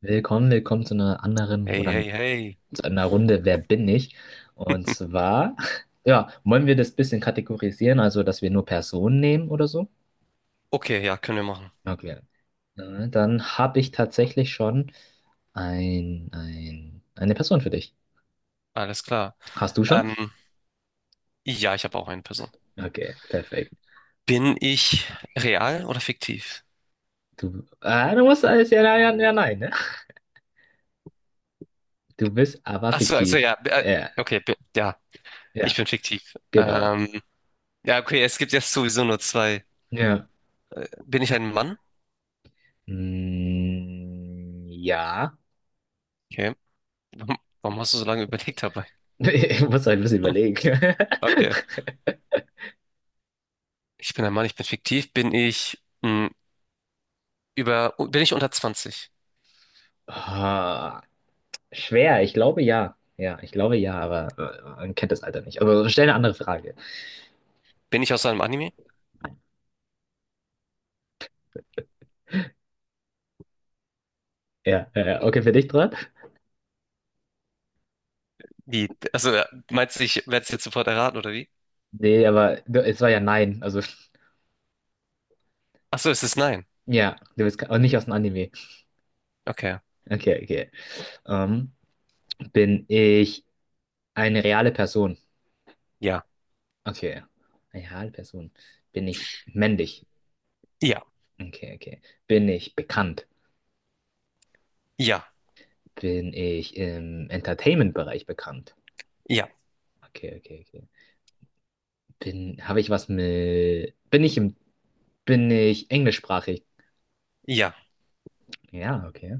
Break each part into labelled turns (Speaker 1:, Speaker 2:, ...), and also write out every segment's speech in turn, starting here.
Speaker 1: Willkommen, willkommen zu einer anderen
Speaker 2: Hey,
Speaker 1: oder
Speaker 2: hey, hey.
Speaker 1: zu einer Runde Wer bin ich? Und zwar, ja, wollen wir das bisschen kategorisieren, also dass wir nur Personen nehmen oder so?
Speaker 2: Okay, ja, können wir machen.
Speaker 1: Okay. Dann habe ich tatsächlich schon eine Person für dich.
Speaker 2: Alles klar.
Speaker 1: Hast du schon?
Speaker 2: Ähm, ja, ich habe auch eine Person.
Speaker 1: Okay, perfekt.
Speaker 2: Bin ich real oder fiktiv?
Speaker 1: Du, du musst alles ja, ja, ja, nein, ne? Du bist aber
Speaker 2: Achso, also
Speaker 1: fiktiv.
Speaker 2: ja,
Speaker 1: Ja,
Speaker 2: okay, ja, ich
Speaker 1: ja,
Speaker 2: bin fiktiv.
Speaker 1: genau.
Speaker 2: Ja, okay, es gibt jetzt sowieso nur zwei.
Speaker 1: Ja.
Speaker 2: Bin ich ein Mann?
Speaker 1: Mm, ja.
Speaker 2: Okay. Warum warum hast du so lange überlegt dabei?
Speaker 1: Ich muss halt ein bisschen überlegen.
Speaker 2: Okay. Ich bin ein Mann, ich bin fiktiv. Bin ich bin ich unter 20?
Speaker 1: Ah, schwer, ich glaube ja. Ja, ich glaube ja, aber man kennt das Alter nicht. Aber stell eine andere Frage.
Speaker 2: Bin ich aus einem Anime?
Speaker 1: Ja, okay, für dich dran?
Speaker 2: Wie? Also, meinst du, ich werde es jetzt sofort erraten, oder wie?
Speaker 1: Nee, aber du, es war ja nein. Also,
Speaker 2: Achso, es ist nein.
Speaker 1: ja, du bist auch nicht aus dem Anime.
Speaker 2: Okay.
Speaker 1: Okay, okay. Ähm, bin ich eine reale Person?
Speaker 2: Ja.
Speaker 1: Okay. Eine reale Person. Bin ich männlich?
Speaker 2: Ja.
Speaker 1: Okay, okay. Bin ich bekannt?
Speaker 2: Ja.
Speaker 1: Bin ich im Entertainment-Bereich bekannt?
Speaker 2: Ja,
Speaker 1: Okay, okay, okay. Bin, habe ich was mit, bin ich im Bin ich englischsprachig?
Speaker 2: ja,
Speaker 1: Ja, okay.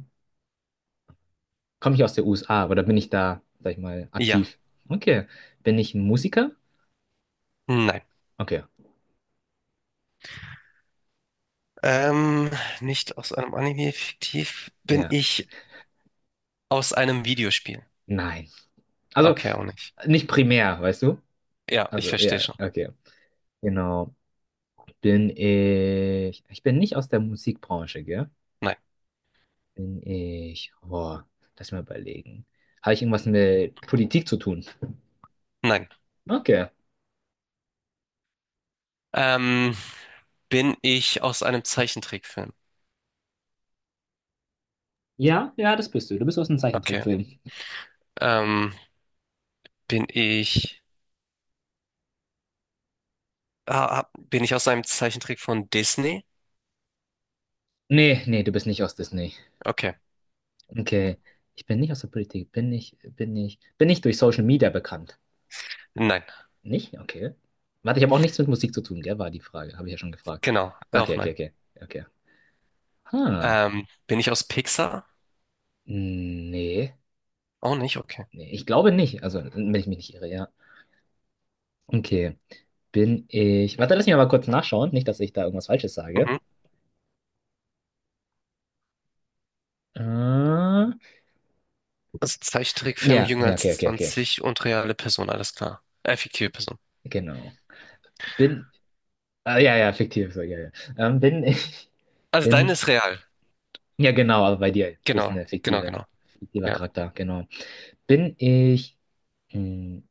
Speaker 1: Komme ich aus der USA oder bin ich da, sag ich mal,
Speaker 2: ja,
Speaker 1: aktiv? Okay. Bin ich ein Musiker?
Speaker 2: nein.
Speaker 1: Okay.
Speaker 2: Ähm, nicht aus einem Anime fiktiv. Bin
Speaker 1: Ja.
Speaker 2: ich aus einem Videospiel?
Speaker 1: Nein. Also
Speaker 2: Okay, auch nicht.
Speaker 1: nicht primär, weißt du?
Speaker 2: Ja, ich
Speaker 1: Also,
Speaker 2: verstehe
Speaker 1: ja,
Speaker 2: schon.
Speaker 1: okay. Genau. Bin ich. Ich bin nicht aus der Musikbranche, gell?
Speaker 2: Nein,
Speaker 1: Bin ich. Boah, lass mal überlegen. Habe ich irgendwas mit Politik zu tun?
Speaker 2: nein.
Speaker 1: Okay.
Speaker 2: Ähm, bin ich aus einem Zeichentrickfilm?
Speaker 1: Ja, ja, das bist du. Du bist aus dem
Speaker 2: Okay.
Speaker 1: Zeichentrickfilm.
Speaker 2: Ähm, bin ich, bin ich aus einem Zeichentrick von Disney?
Speaker 1: Nee, nee, du bist nicht aus Disney.
Speaker 2: Okay.
Speaker 1: Okay. Ich bin nicht aus der Politik. Bin ich durch Social Media bekannt?
Speaker 2: Nein.
Speaker 1: Nicht? Okay. Warte, ich habe auch nichts mit Musik zu tun, gell? War die Frage. Habe ich ja schon gefragt.
Speaker 2: Genau. Auch
Speaker 1: Okay, okay,
Speaker 2: nein.
Speaker 1: okay. Okay. Ha.
Speaker 2: Bin ich aus Pixar?
Speaker 1: Nee.
Speaker 2: Auch nicht. Okay.
Speaker 1: Nee, ich glaube nicht. Also, wenn ich mich nicht irre, ja. Okay. Bin ich. Warte, lass mich mal kurz nachschauen. Nicht, dass ich da irgendwas Falsches sage.
Speaker 2: Mhm.
Speaker 1: Ja,
Speaker 2: Also Zeichentrickfilm
Speaker 1: ja,
Speaker 2: jünger als
Speaker 1: okay, okay, okay.
Speaker 2: 20 und reale Person. Alles klar. Fiktive Person.
Speaker 1: Genau. Bin. Ah, ja, ja, fiktiv. So, ja, ja. Bin ich.
Speaker 2: Also deine
Speaker 1: Bin
Speaker 2: ist real.
Speaker 1: Ja, genau, aber bei dir. Das ist
Speaker 2: Genau,
Speaker 1: eine
Speaker 2: genau,
Speaker 1: fiktive,
Speaker 2: genau.
Speaker 1: fiktiver
Speaker 2: Ja,
Speaker 1: Charakter, genau. Bin ich. Hm,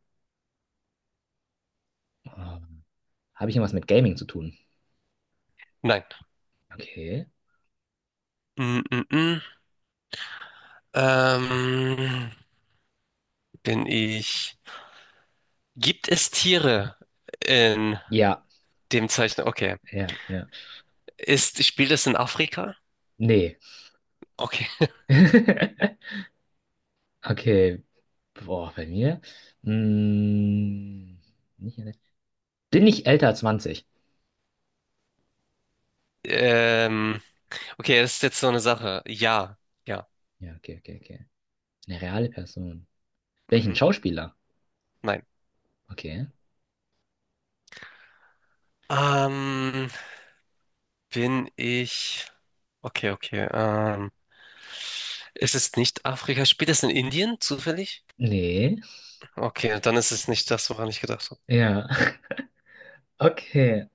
Speaker 1: oh, habe ich irgendwas mit Gaming zu tun?
Speaker 2: nein.
Speaker 1: Okay.
Speaker 2: Mm, mm, mm. Ähm, bin ich. Gibt es Tiere in
Speaker 1: Ja,
Speaker 2: dem Zeichen? Okay.
Speaker 1: ja, ja.
Speaker 2: Ist, spielt es in Afrika?
Speaker 1: Nee.
Speaker 2: Okay.
Speaker 1: Okay. Boah, bei mir. Hm, nicht, alle- bin ich älter als 20?
Speaker 2: Ähm, okay, das ist jetzt so eine Sache. Ja, ja.
Speaker 1: Ja, okay, okay, okay. Eine reale Person. Bin ich ein
Speaker 2: Mhm.
Speaker 1: Schauspieler?
Speaker 2: Nein.
Speaker 1: Okay.
Speaker 2: Ähm, bin ich. Okay, okay. Ist es nicht Afrika? Spielt es in Indien zufällig?
Speaker 1: Nee.
Speaker 2: Okay, dann ist es nicht das, woran ich gedacht habe.
Speaker 1: Ja. Okay.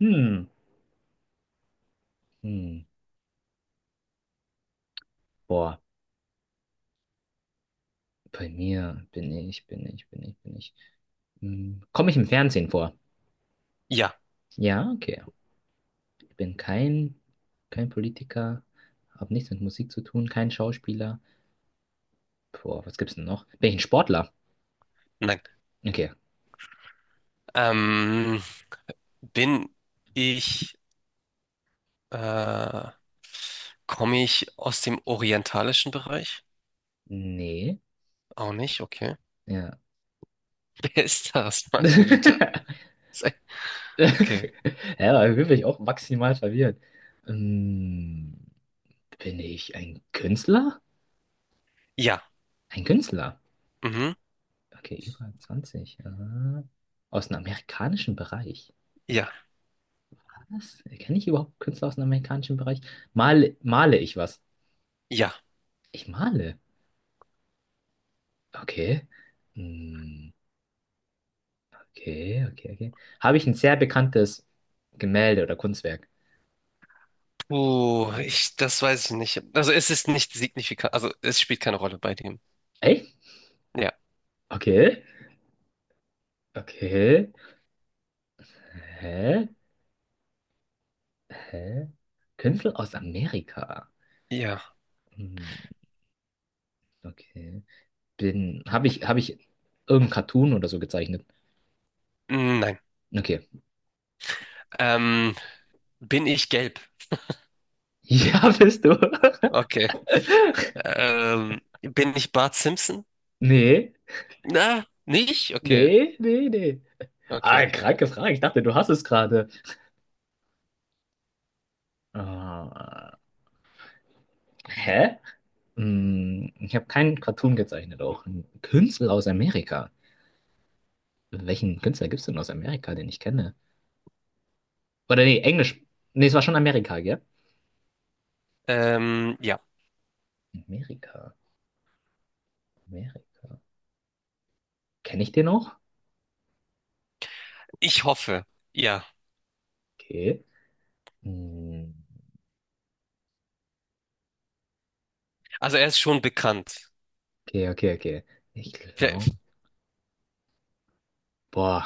Speaker 1: Hm. Hm. Boah. Bei mir bin ich, bin ich, bin ich, bin ich. Hm, Komme ich im Fernsehen vor?
Speaker 2: Ja,
Speaker 1: Ja, okay. Ich bin kein Politiker, habe nichts mit Musik zu tun, kein Schauspieler. Boah, was gibt's denn noch? Bin ich ein Sportler?
Speaker 2: nein.
Speaker 1: Okay.
Speaker 2: Ähm, bin ich, äh, komme ich aus dem orientalischen Bereich?
Speaker 1: Nee.
Speaker 2: Auch nicht, okay.
Speaker 1: Ja.
Speaker 2: Wer ist das, meine Güte? Sei- Okay.
Speaker 1: Ja, aber wirklich auch maximal verwirrt. Hm, bin ich ein Künstler?
Speaker 2: Ja,
Speaker 1: Ein Künstler?
Speaker 2: mhm,
Speaker 1: Okay, über 20, Aha. Aus dem amerikanischen Bereich.
Speaker 2: ja,
Speaker 1: Was? Kenne ich überhaupt Künstler aus dem amerikanischen Bereich? Male ich was?
Speaker 2: ja.
Speaker 1: Ich male. Okay. Hm, okay, okay, okay. Habe ich ein sehr bekanntes Gemälde oder Kunstwerk?
Speaker 2: Puh, ich, das weiß ich nicht. Also es ist nicht signifikant, also es spielt keine Rolle bei dem.
Speaker 1: Echt?
Speaker 2: Ja,
Speaker 1: Okay. Okay. Hä? Hä? Künstler aus Amerika.
Speaker 2: ja,
Speaker 1: Hm, okay. Habe ich irgendein Cartoon oder so gezeichnet?
Speaker 2: Hm, nein.
Speaker 1: Okay.
Speaker 2: Ähm, bin ich gelb?
Speaker 1: Ja, bist du.
Speaker 2: Okay. Bin ich Bart Simpson?
Speaker 1: Nee.
Speaker 2: Na, nicht? Okay,
Speaker 1: Nee, nee, nee.
Speaker 2: okay,
Speaker 1: Ah,
Speaker 2: okay.
Speaker 1: kranke Frage. Ich dachte, du hast es gerade. Ah, hä? Hm, ich habe keinen Cartoon gezeichnet, auch einen Künstler aus Amerika. Welchen Künstler gibt es denn aus Amerika, den ich kenne? Oder nee, Englisch. Nee, es war schon Amerika, gell?
Speaker 2: Ja.
Speaker 1: Amerika, Amerika. Kenne ich den noch?
Speaker 2: Ich hoffe, ja.
Speaker 1: Okay. Hm,
Speaker 2: Also er ist schon bekannt.
Speaker 1: okay, okay, okay. Ich
Speaker 2: Vielleicht-
Speaker 1: glaube. Boah.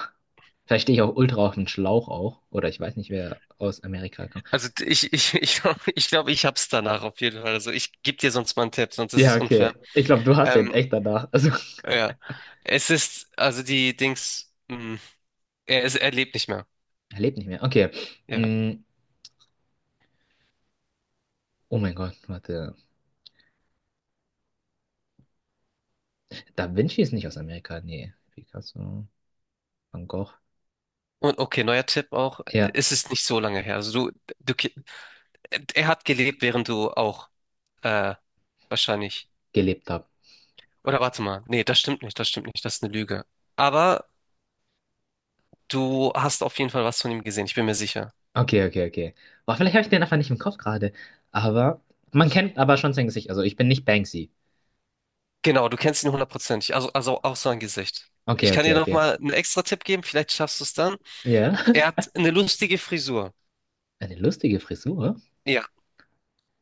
Speaker 1: Vielleicht stehe ich auch ultra auf den Schlauch auch. Oder ich weiß nicht, wer aus Amerika kommt.
Speaker 2: Also ich glaube, glaub, ich hab's danach auf jeden Fall. Also ich gebe dir sonst mal einen Tipp, sonst ist
Speaker 1: Ja,
Speaker 2: es unfair.
Speaker 1: okay. Ich glaube, du hast den
Speaker 2: Ähm,
Speaker 1: echt danach. Also,
Speaker 2: ja. Es ist, also die Dings, er ist, er lebt nicht mehr.
Speaker 1: er lebt nicht mehr. Okay.
Speaker 2: Ja.
Speaker 1: Hm, oh mein Gott, warte. Da Vinci ist nicht aus Amerika, nee. Picasso, Van Gogh.
Speaker 2: Und okay, neuer Tipp auch,
Speaker 1: Ja,
Speaker 2: es ist nicht so lange her. Also er hat gelebt, während du auch, äh, wahrscheinlich.
Speaker 1: gelebt haben.
Speaker 2: Oder warte mal. Nee, das stimmt nicht, das ist eine Lüge. Aber du hast auf jeden Fall was von ihm gesehen, ich bin mir sicher.
Speaker 1: Okay, okay, okay. Boah, vielleicht habe ich den einfach nicht im Kopf gerade. Aber man kennt aber schon sein Gesicht. Also ich bin nicht Banksy.
Speaker 2: Genau, du kennst ihn hundertprozentig, also auch sein Gesicht.
Speaker 1: Okay,
Speaker 2: Ich kann dir
Speaker 1: okay,
Speaker 2: noch
Speaker 1: okay.
Speaker 2: mal einen extra Tipp geben, vielleicht schaffst du es dann.
Speaker 1: Ja.
Speaker 2: Er hat eine lustige Frisur.
Speaker 1: Eine lustige Frisur.
Speaker 2: Ja,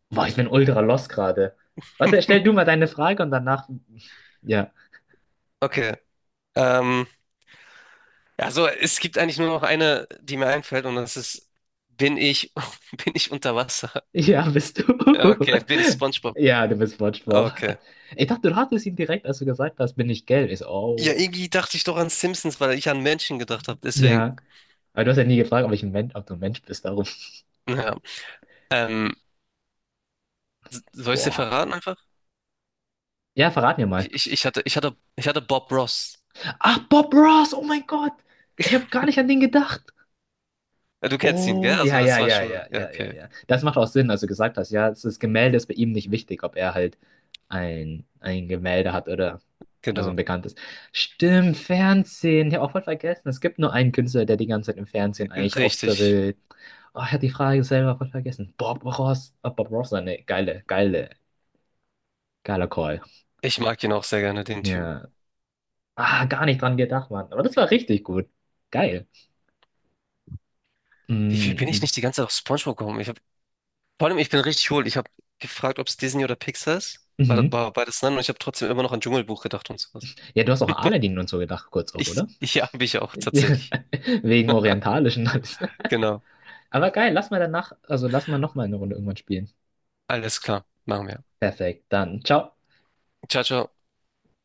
Speaker 1: Boah, ich bin ultra lost gerade. Warte, stell du mal deine Frage und danach. Ja.
Speaker 2: okay. Ähm, also es gibt eigentlich nur noch eine, die mir einfällt und das ist, bin ich, bin ich unter Wasser?
Speaker 1: Ja, bist du.
Speaker 2: Ja, okay, bin ich SpongeBob?
Speaker 1: Ja, du bist Wortschwupp.
Speaker 2: Okay.
Speaker 1: Ich dachte, du hattest ihn direkt, als du gesagt hast, bin ich gelb. Ich so,
Speaker 2: Ja,
Speaker 1: oh.
Speaker 2: irgendwie dachte ich doch an Simpsons, weil ich an Menschen gedacht habe, deswegen.
Speaker 1: Ja. Aber du hast ja nie gefragt, ob ich ob du ein Mensch bist, darum.
Speaker 2: Ja. Ähm, soll ich dir
Speaker 1: Boah.
Speaker 2: verraten einfach?
Speaker 1: Ja, verrat mir mal.
Speaker 2: Ich hatte Bob Ross.
Speaker 1: Ach, Bob Ross, oh mein Gott. Ich habe gar nicht an den gedacht.
Speaker 2: Ja, du kennst ihn, gell?
Speaker 1: Oh, ja,
Speaker 2: Also das
Speaker 1: ja,
Speaker 2: war
Speaker 1: ja,
Speaker 2: schon,
Speaker 1: ja,
Speaker 2: ja,
Speaker 1: ja, ja,
Speaker 2: okay,
Speaker 1: ja. Das macht auch Sinn, als du gesagt hast, ja, das Gemälde ist bei ihm nicht wichtig, ob er halt ein Gemälde hat oder also ein
Speaker 2: genau.
Speaker 1: bekanntes. Stimmt, Fernsehen. Ich habe auch voll vergessen. Es gibt nur einen Künstler, der die ganze Zeit im Fernsehen eigentlich
Speaker 2: Richtig.
Speaker 1: auftritt. Oh, ich habe die Frage selber voll vergessen. Bob Ross. Oh, Bob Ross, eine geiler Call.
Speaker 2: Ich mag ihn auch sehr gerne, den Typen.
Speaker 1: Ja. Ah, gar nicht dran gedacht, Mann. Aber das war richtig gut. Geil.
Speaker 2: Wie, wie bin
Speaker 1: Mm,
Speaker 2: ich nicht die ganze Zeit auf SpongeBob gekommen? Ich hab, vor allem, ich bin richtig hohl. Ich habe gefragt, ob es Disney oder Pixar ist. War,
Speaker 1: Mhm.
Speaker 2: war beides nein und ich habe trotzdem immer noch an Dschungelbuch gedacht und sowas.
Speaker 1: Ja, du hast auch an Aladdin und so gedacht, kurz auch,
Speaker 2: Ich,
Speaker 1: oder?
Speaker 2: ich habe ich auch tatsächlich.
Speaker 1: Wegen orientalischen alles.
Speaker 2: Genau.
Speaker 1: Aber geil, lass mal danach, also lass mal nochmal eine Runde irgendwann spielen.
Speaker 2: Alles klar. Machen wir.
Speaker 1: Perfekt, dann ciao.
Speaker 2: Ciao, ciao.